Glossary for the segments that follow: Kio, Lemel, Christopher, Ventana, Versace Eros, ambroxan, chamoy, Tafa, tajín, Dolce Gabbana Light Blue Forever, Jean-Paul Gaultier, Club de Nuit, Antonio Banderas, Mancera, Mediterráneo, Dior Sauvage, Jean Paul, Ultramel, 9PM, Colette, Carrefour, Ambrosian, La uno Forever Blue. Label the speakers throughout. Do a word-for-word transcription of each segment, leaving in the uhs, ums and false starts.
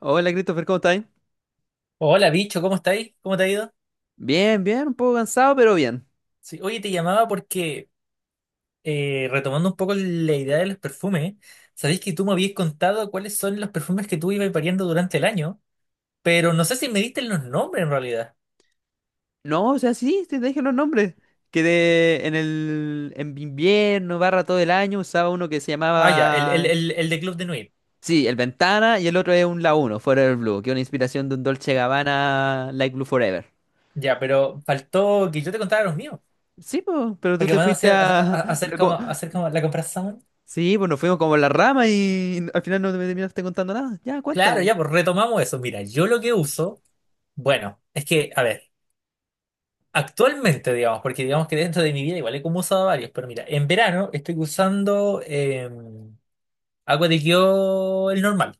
Speaker 1: Hola Christopher, ¿cómo estáis?
Speaker 2: Hola, bicho, ¿cómo estáis? ¿Cómo te ha ido?
Speaker 1: Bien, bien, un poco cansado, pero bien.
Speaker 2: Sí, oye, te llamaba porque, eh, retomando un poco la idea de los perfumes, sabéis que tú me habías contado cuáles son los perfumes que tú ibas variando durante el año, pero no sé si me diste los nombres en realidad.
Speaker 1: No, o sea, sí, sí, te dije los nombres. Que de- en el en invierno, barra todo el año, usaba uno que se
Speaker 2: Ah, ya, el, el,
Speaker 1: llamaba...
Speaker 2: el, el de Club de Nuit.
Speaker 1: Sí, el Ventana y el otro es un La uno Forever Blue, que es una inspiración de un Dolce Gabbana Light Blue Forever.
Speaker 2: Ya, pero faltó que yo te contara los míos,
Speaker 1: Sí, po, pero tú
Speaker 2: porque
Speaker 1: te
Speaker 2: van a
Speaker 1: fuiste
Speaker 2: hacer, a-
Speaker 1: a...
Speaker 2: a- hacer
Speaker 1: no,
Speaker 2: como,
Speaker 1: como-
Speaker 2: hacer como la comparación.
Speaker 1: Sí, pues nos fuimos como en la rama y al final no me terminaste contando nada. Ya,
Speaker 2: Claro,
Speaker 1: cuéntame.
Speaker 2: ya, pues retomamos eso. Mira, yo lo que uso, bueno, es que, a ver. Actualmente, digamos, porque digamos que dentro de mi vida igual he como usado varios, pero mira, en verano estoy usando eh, agua de Kio el normal.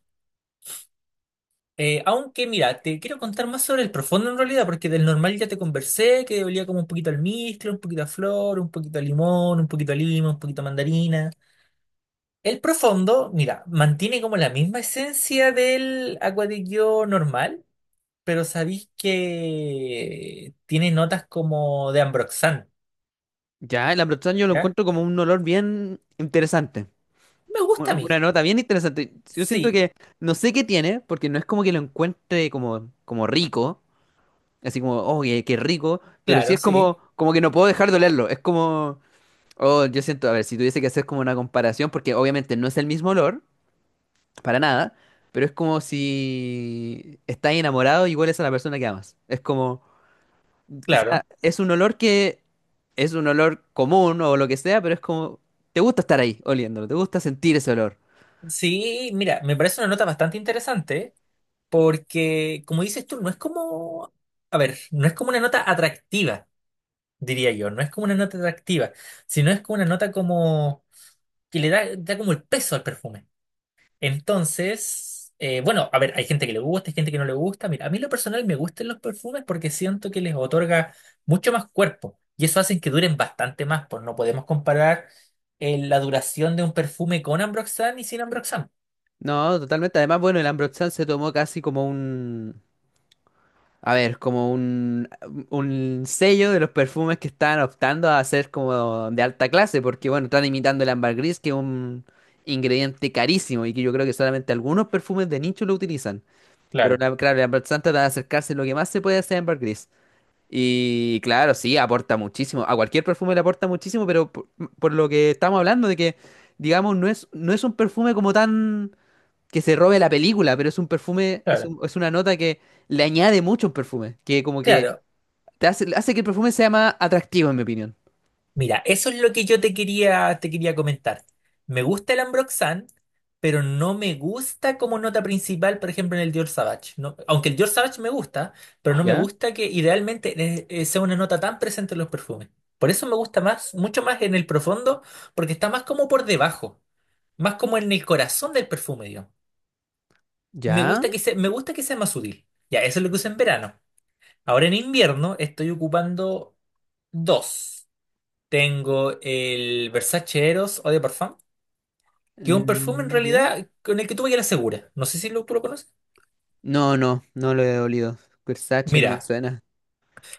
Speaker 2: Eh, aunque mira, te quiero contar más sobre el profundo en realidad, porque del normal ya te conversé, que olía como un poquito al almizcle, un poquito a flor, un poquito a limón, un poquito a lima, un poquito a mandarina. El profundo, mira, mantiene como la misma esencia del agua de Kio normal, pero sabéis que tiene notas como de ambroxan,
Speaker 1: Ya, el Ambrosian yo lo
Speaker 2: ¿ya?
Speaker 1: encuentro como un olor bien interesante.
Speaker 2: Me
Speaker 1: u-
Speaker 2: gusta a mí.
Speaker 1: Una nota bien interesante. Yo siento
Speaker 2: Sí,
Speaker 1: que no sé qué tiene, porque no es como que lo encuentre como, como rico, así como, oh, qué, qué rico, pero sí
Speaker 2: claro,
Speaker 1: es
Speaker 2: sí,
Speaker 1: como, como que no puedo dejar de olerlo. Es como, oh, yo siento, a ver, si tuviese que hacer como una comparación, porque obviamente no es el mismo olor, para nada, pero es como si estás enamorado y hueles a la persona que amas. Es como, quizá
Speaker 2: claro.
Speaker 1: es un olor que es un olor común o lo que sea, pero es como, te gusta estar ahí oliéndolo, te gusta sentir ese olor.
Speaker 2: Sí, mira, me parece una nota bastante interesante porque, como dices tú, no es como, a ver, no es como una nota atractiva, diría yo, no es como una nota atractiva, sino es como una nota como que le da, da como el peso al perfume. Entonces, eh, bueno, a ver, hay gente que le gusta, hay gente que no le gusta. Mira, a mí en lo personal me gustan los perfumes porque siento que les otorga mucho más cuerpo y eso hace que duren bastante más, pues no podemos comparar eh, la duración de un perfume con Ambroxan y sin Ambroxan.
Speaker 1: No, totalmente. Además, bueno, el Ambrosian se tomó casi como un, a ver, como un, un sello de los perfumes que están optando a ser como de alta clase, porque bueno, están imitando el ámbar gris, que es un ingrediente carísimo y que yo creo que solamente algunos perfumes de nicho lo utilizan. Pero
Speaker 2: Claro,
Speaker 1: la- claro, el Ambrosian trata de acercarse lo que más se puede hacer ámbar gris. Y claro, sí, aporta muchísimo. A cualquier perfume le aporta muchísimo, pero por, por lo que estamos hablando de que, digamos, no es, no es un perfume como tan que se robe la película, pero es un perfume, es,
Speaker 2: claro.
Speaker 1: un- es una nota que le añade mucho a un perfume, que como que
Speaker 2: Claro.
Speaker 1: te hace, hace que el perfume sea más atractivo, en mi opinión.
Speaker 2: Mira, eso es lo que yo te quería, te quería comentar. Me gusta el Ambroxan, pero no me gusta como nota principal, por ejemplo, en el Dior Sauvage. No- aunque el Dior Sauvage me gusta, pero no me
Speaker 1: ¿Ya?
Speaker 2: gusta que idealmente eh, eh, sea una nota tan presente en los perfumes. Por eso me gusta más, mucho más en el profundo, porque está más como por debajo, más como en el corazón del perfume, digamos. Me
Speaker 1: ¿Ya?
Speaker 2: gusta que sea, me gusta que sea más sutil. Ya, eso es lo que uso en verano. Ahora en invierno estoy ocupando dos. Tengo el Versace Eros Eau de Parfum, que es un perfume en
Speaker 1: Mm, ¿Ya?
Speaker 2: realidad con el que tuve que la segura. No sé si lo- tú lo conoces.
Speaker 1: No, no, no lo he olido. Versace no me
Speaker 2: Mira,
Speaker 1: suena.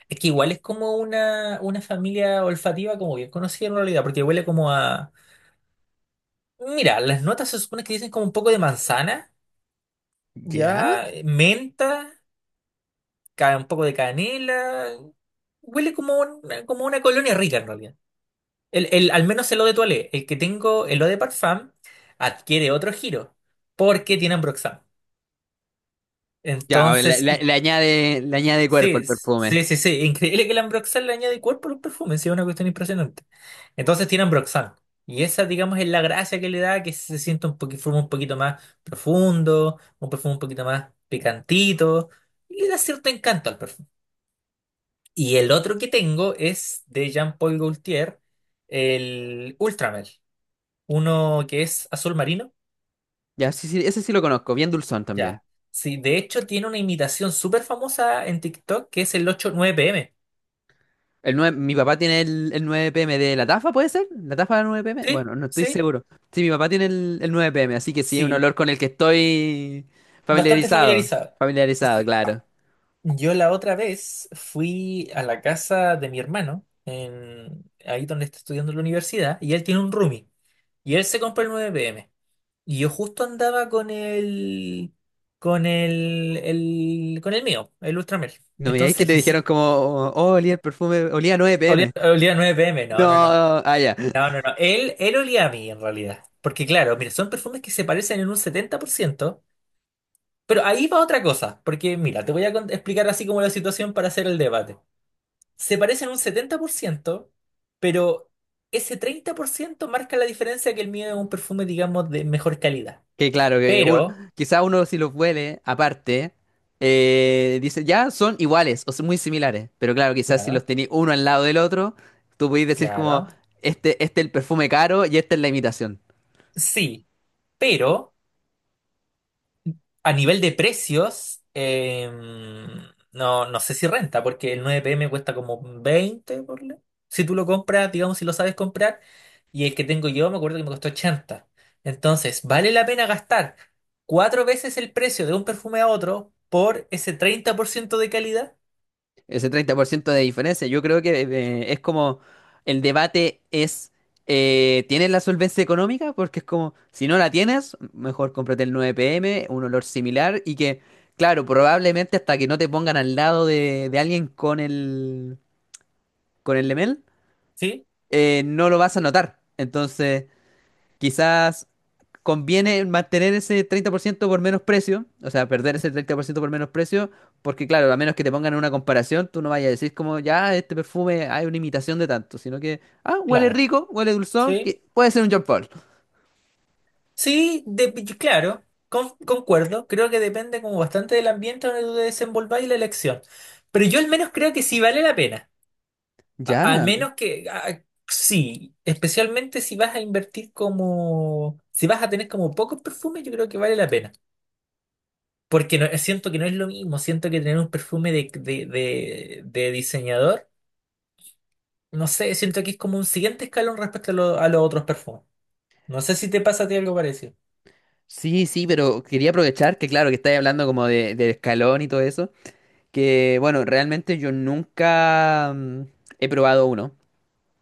Speaker 2: es que igual es como una, una familia olfativa como bien conocida en realidad, porque huele como a... Mira, las notas se supone que dicen como un poco de manzana,
Speaker 1: ¿Ya?
Speaker 2: ya, eh, menta, ca- un poco de canela. Huele como una, como una colonia rica en realidad. El, el, al menos el eau de toilette, el que tengo, el eau de parfum, adquiere otro giro, porque tiene ambroxan.
Speaker 1: Ya, a ver, le,
Speaker 2: Entonces,
Speaker 1: le-
Speaker 2: y,
Speaker 1: le añade, le añade cuerpo al
Speaker 2: sí,
Speaker 1: perfume.
Speaker 2: sí, sí, sí. Increíble que el Ambroxan le añade cuerpo a los perfumes, sí, es una cuestión impresionante. Entonces tiene Ambroxan. Y esa, digamos, es la gracia que le da, que se siente un poquito, perfume un poquito más profundo, un perfume un poquito más picantito, y le da cierto encanto al perfume. Y el otro que tengo es de Jean-Paul Gaultier, el Ultramel, uno que es azul marino.
Speaker 1: Ya, sí, sí, ese sí lo conozco, bien dulzón también.
Speaker 2: Ya. Sí, de hecho tiene una imitación súper famosa en TikTok que es el ocho nueve pm.
Speaker 1: El nueve, mi papá tiene el, el nueve p m de la Tafa, ¿puede ser? ¿La Tafa de la nueve p m?
Speaker 2: Sí,
Speaker 1: Bueno, no estoy
Speaker 2: sí,
Speaker 1: seguro. Sí, mi papá tiene el, el nueve p m, así que sí, es un
Speaker 2: sí,
Speaker 1: olor con el que estoy
Speaker 2: bastante
Speaker 1: familiarizado.
Speaker 2: familiarizado.
Speaker 1: Familiarizado,
Speaker 2: Sí.
Speaker 1: claro.
Speaker 2: Yo la otra vez fui a la casa de mi hermano, en, ahí donde está estudiando en la universidad, y él tiene un roomie, y él se compró el nueve m. Y yo justo andaba con el, con el, el- con el mío, el Ultramar.
Speaker 1: No me digáis que
Speaker 2: Entonces,
Speaker 1: te
Speaker 2: y
Speaker 1: dijeron
Speaker 2: sí,
Speaker 1: como, oh, oh, olía el perfume, olía
Speaker 2: olía,
Speaker 1: nueve p m.
Speaker 2: olía a nueve pm,
Speaker 1: No,
Speaker 2: no, no, no,
Speaker 1: ah, ya.
Speaker 2: no, no, no. Él, él olía a mí en realidad. Porque claro, mira, son perfumes que se parecen en un setenta por ciento. Pero ahí va otra cosa, porque mira, te voy a cont- explicar así como la situación para hacer el debate. Se parecen un setenta por ciento, pero ese treinta por ciento marca la diferencia que el mío es un perfume, digamos, de mejor calidad.
Speaker 1: Que claro, que uno,
Speaker 2: Pero,
Speaker 1: quizá uno si los huele aparte, eh, dice, ya son iguales o son muy similares. Pero claro, quizás si los
Speaker 2: claro,
Speaker 1: tenéis uno al lado del otro, tú podéis decir como,
Speaker 2: claro,
Speaker 1: este, este es el perfume caro y esta es la imitación.
Speaker 2: sí, pero... A nivel de precios, em, no, no sé si renta, porque el nueve m cuesta como veinte, ponle. Si tú lo compras, digamos, si lo sabes comprar, y el que tengo yo me acuerdo que me costó ochenta. Entonces, vale la pena gastar cuatro veces el precio de un perfume a otro por ese treinta por ciento de calidad,
Speaker 1: Ese treinta por ciento de diferencia. Yo creo que eh, es como el debate es, eh, ¿tienes la solvencia económica? Porque es como, si no la tienes, mejor cómprate el nueve p m, un olor similar y que, claro, probablemente hasta que no te pongan al lado de, de alguien con el, con el Lemel,
Speaker 2: ¿sí?
Speaker 1: eh, no lo vas a notar. Entonces, quizás conviene mantener ese treinta por ciento por menos precio, o sea, perder ese treinta por ciento por ciento por menos precio, porque claro, a menos que te pongan en una comparación, tú no vayas a decir como, ya, este perfume hay una imitación de tanto, sino que, ah, huele
Speaker 2: Claro,
Speaker 1: rico, huele dulzón,
Speaker 2: sí.
Speaker 1: que puede ser un Jean Paul.
Speaker 2: Sí, de- claro, con- concuerdo. Creo que depende como bastante del ambiente donde tú te desenvolvas y la elección. Pero yo al menos creo que sí vale la pena. A-
Speaker 1: Ya,
Speaker 2: Al menos que a- sí, especialmente si vas a invertir como, si vas a tener como pocos perfumes, yo creo que vale la pena. Porque no, siento que no es lo mismo, siento que tener un perfume de, de, de, de diseñador, no sé, siento que es como un siguiente escalón respecto a, lo- a los otros perfumes. No sé si te pasa a ti algo parecido.
Speaker 1: sí, sí, pero quería aprovechar que claro, que estáis hablando como de, de escalón y todo eso, que bueno, realmente yo nunca mm, he probado uno,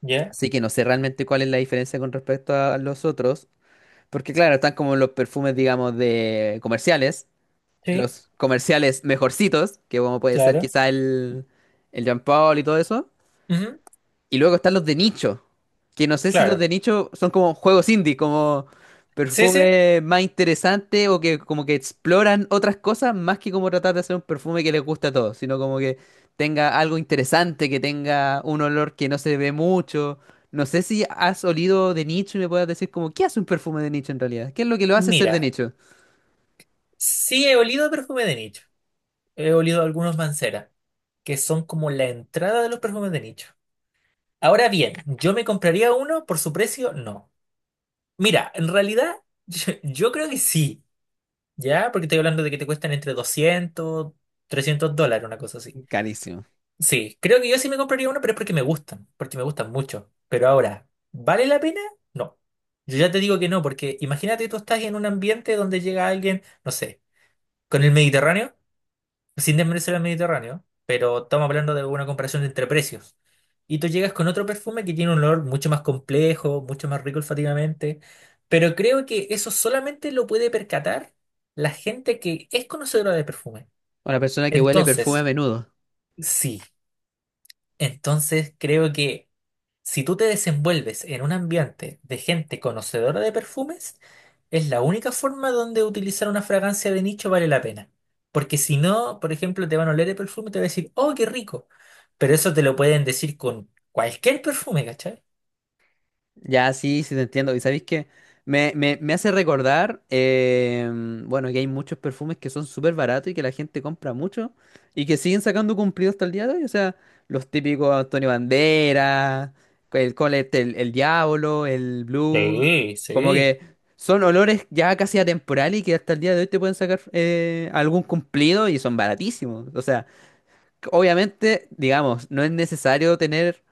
Speaker 2: ¿Ya?
Speaker 1: así que no sé realmente cuál es la diferencia con respecto a los otros. Porque claro, están como los perfumes, digamos, de comerciales,
Speaker 2: Sí,
Speaker 1: los comerciales mejorcitos, que como puede ser
Speaker 2: claro.
Speaker 1: quizá el, el Jean Paul y todo eso.
Speaker 2: Ujú,
Speaker 1: Y luego están los de nicho, que no sé si los
Speaker 2: claro.
Speaker 1: de nicho son como juegos indie, como
Speaker 2: Sí, sí.
Speaker 1: perfume más interesante o que como que exploran otras cosas más que como tratar de hacer un perfume que les gusta a todos, sino como que tenga algo interesante, que tenga un olor que no se ve mucho. No sé si has olido de nicho y me puedas decir como, ¿qué hace un perfume de nicho en realidad? ¿Qué es lo que lo hace ser de
Speaker 2: Mira,
Speaker 1: nicho?
Speaker 2: sí he olido perfume de nicho. He olido algunos Mancera, que son como la entrada de los perfumes de nicho. Ahora bien, ¿yo me compraría uno por su precio? No. Mira, en realidad, yo, yo creo que sí, ¿ya? Porque estoy hablando de que te cuestan entre doscientos, trescientos dólares, una cosa así.
Speaker 1: Carísimo.
Speaker 2: Sí, creo que yo sí me compraría uno, pero es porque me gustan, porque me gustan mucho. Pero ahora, ¿vale la pena? No. Yo ya te digo que no, porque imagínate tú estás en un ambiente donde llega alguien, no sé, con el Mediterráneo, sin desmerecer al Mediterráneo, pero estamos hablando de una comparación entre precios. Y tú llegas con otro perfume que tiene un olor mucho más complejo, mucho más rico olfativamente, pero creo que eso solamente lo puede percatar la gente que es conocedora de perfume.
Speaker 1: Una persona que huele perfume a
Speaker 2: Entonces,
Speaker 1: menudo.
Speaker 2: sí. Entonces creo que si tú te desenvuelves en un ambiente de gente conocedora de perfumes, es la única forma donde utilizar una fragancia de nicho vale la pena. Porque si no, por ejemplo, te van a oler el perfume y te van a decir, oh, qué rico. Pero eso te lo pueden decir con cualquier perfume, ¿cachai?
Speaker 1: Ya, sí, sí te entiendo. Y sabéis que me, me, me hace recordar, em, bueno, que hay muchos perfumes que son súper baratos y que la gente compra mucho y que siguen sacando cumplidos hasta el día de hoy. O sea, los típicos Antonio Banderas, el Colette, el, el Diablo, el Blue,
Speaker 2: Sí,
Speaker 1: como
Speaker 2: sí,
Speaker 1: que son olores ya casi atemporales y que hasta el día de hoy te pueden sacar eh, algún cumplido y son baratísimos. O sea, obviamente, digamos, no es necesario tener.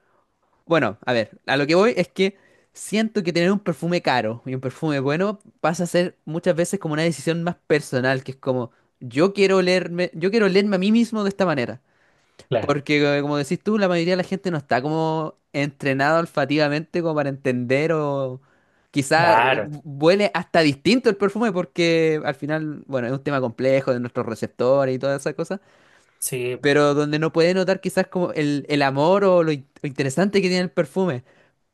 Speaker 1: Bueno, a ver, a lo que voy es que siento que tener un perfume caro y un perfume bueno pasa a ser muchas veces como una decisión más personal, que es como yo quiero olerme, yo quiero olerme a mí mismo de esta manera,
Speaker 2: claro,
Speaker 1: porque eh, como decís tú, la mayoría de la gente no está como entrenada olfativamente como para entender o quizá u-
Speaker 2: claro,
Speaker 1: huele hasta distinto el perfume porque al final, bueno, es un tema complejo de nuestros receptores y todas esas cosas,
Speaker 2: sí, po,
Speaker 1: pero donde no puede notar quizás como el, el amor o lo in- lo interesante que tiene el perfume.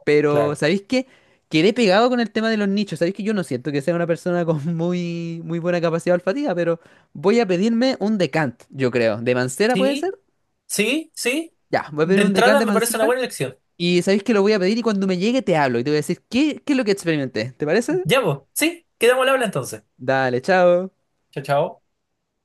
Speaker 1: Pero,
Speaker 2: claro.
Speaker 1: ¿sabéis qué? Quedé pegado con el tema de los nichos. Sabéis que yo no siento que sea una persona con muy, muy buena capacidad olfativa, pero voy a pedirme un decant, yo creo. ¿De Mancera puede
Speaker 2: Sí,
Speaker 1: ser?
Speaker 2: sí, sí.
Speaker 1: Ya, voy a pedir
Speaker 2: De
Speaker 1: un decant
Speaker 2: entrada
Speaker 1: de
Speaker 2: me parece una
Speaker 1: Mancera.
Speaker 2: buena elección.
Speaker 1: Y sabéis que lo voy a pedir y cuando me llegue te hablo y te voy a decir qué, qué es lo que experimenté. ¿Te parece?
Speaker 2: Ya vos, sí, quedamos al habla entonces.
Speaker 1: Dale, chao.
Speaker 2: Chao, chao.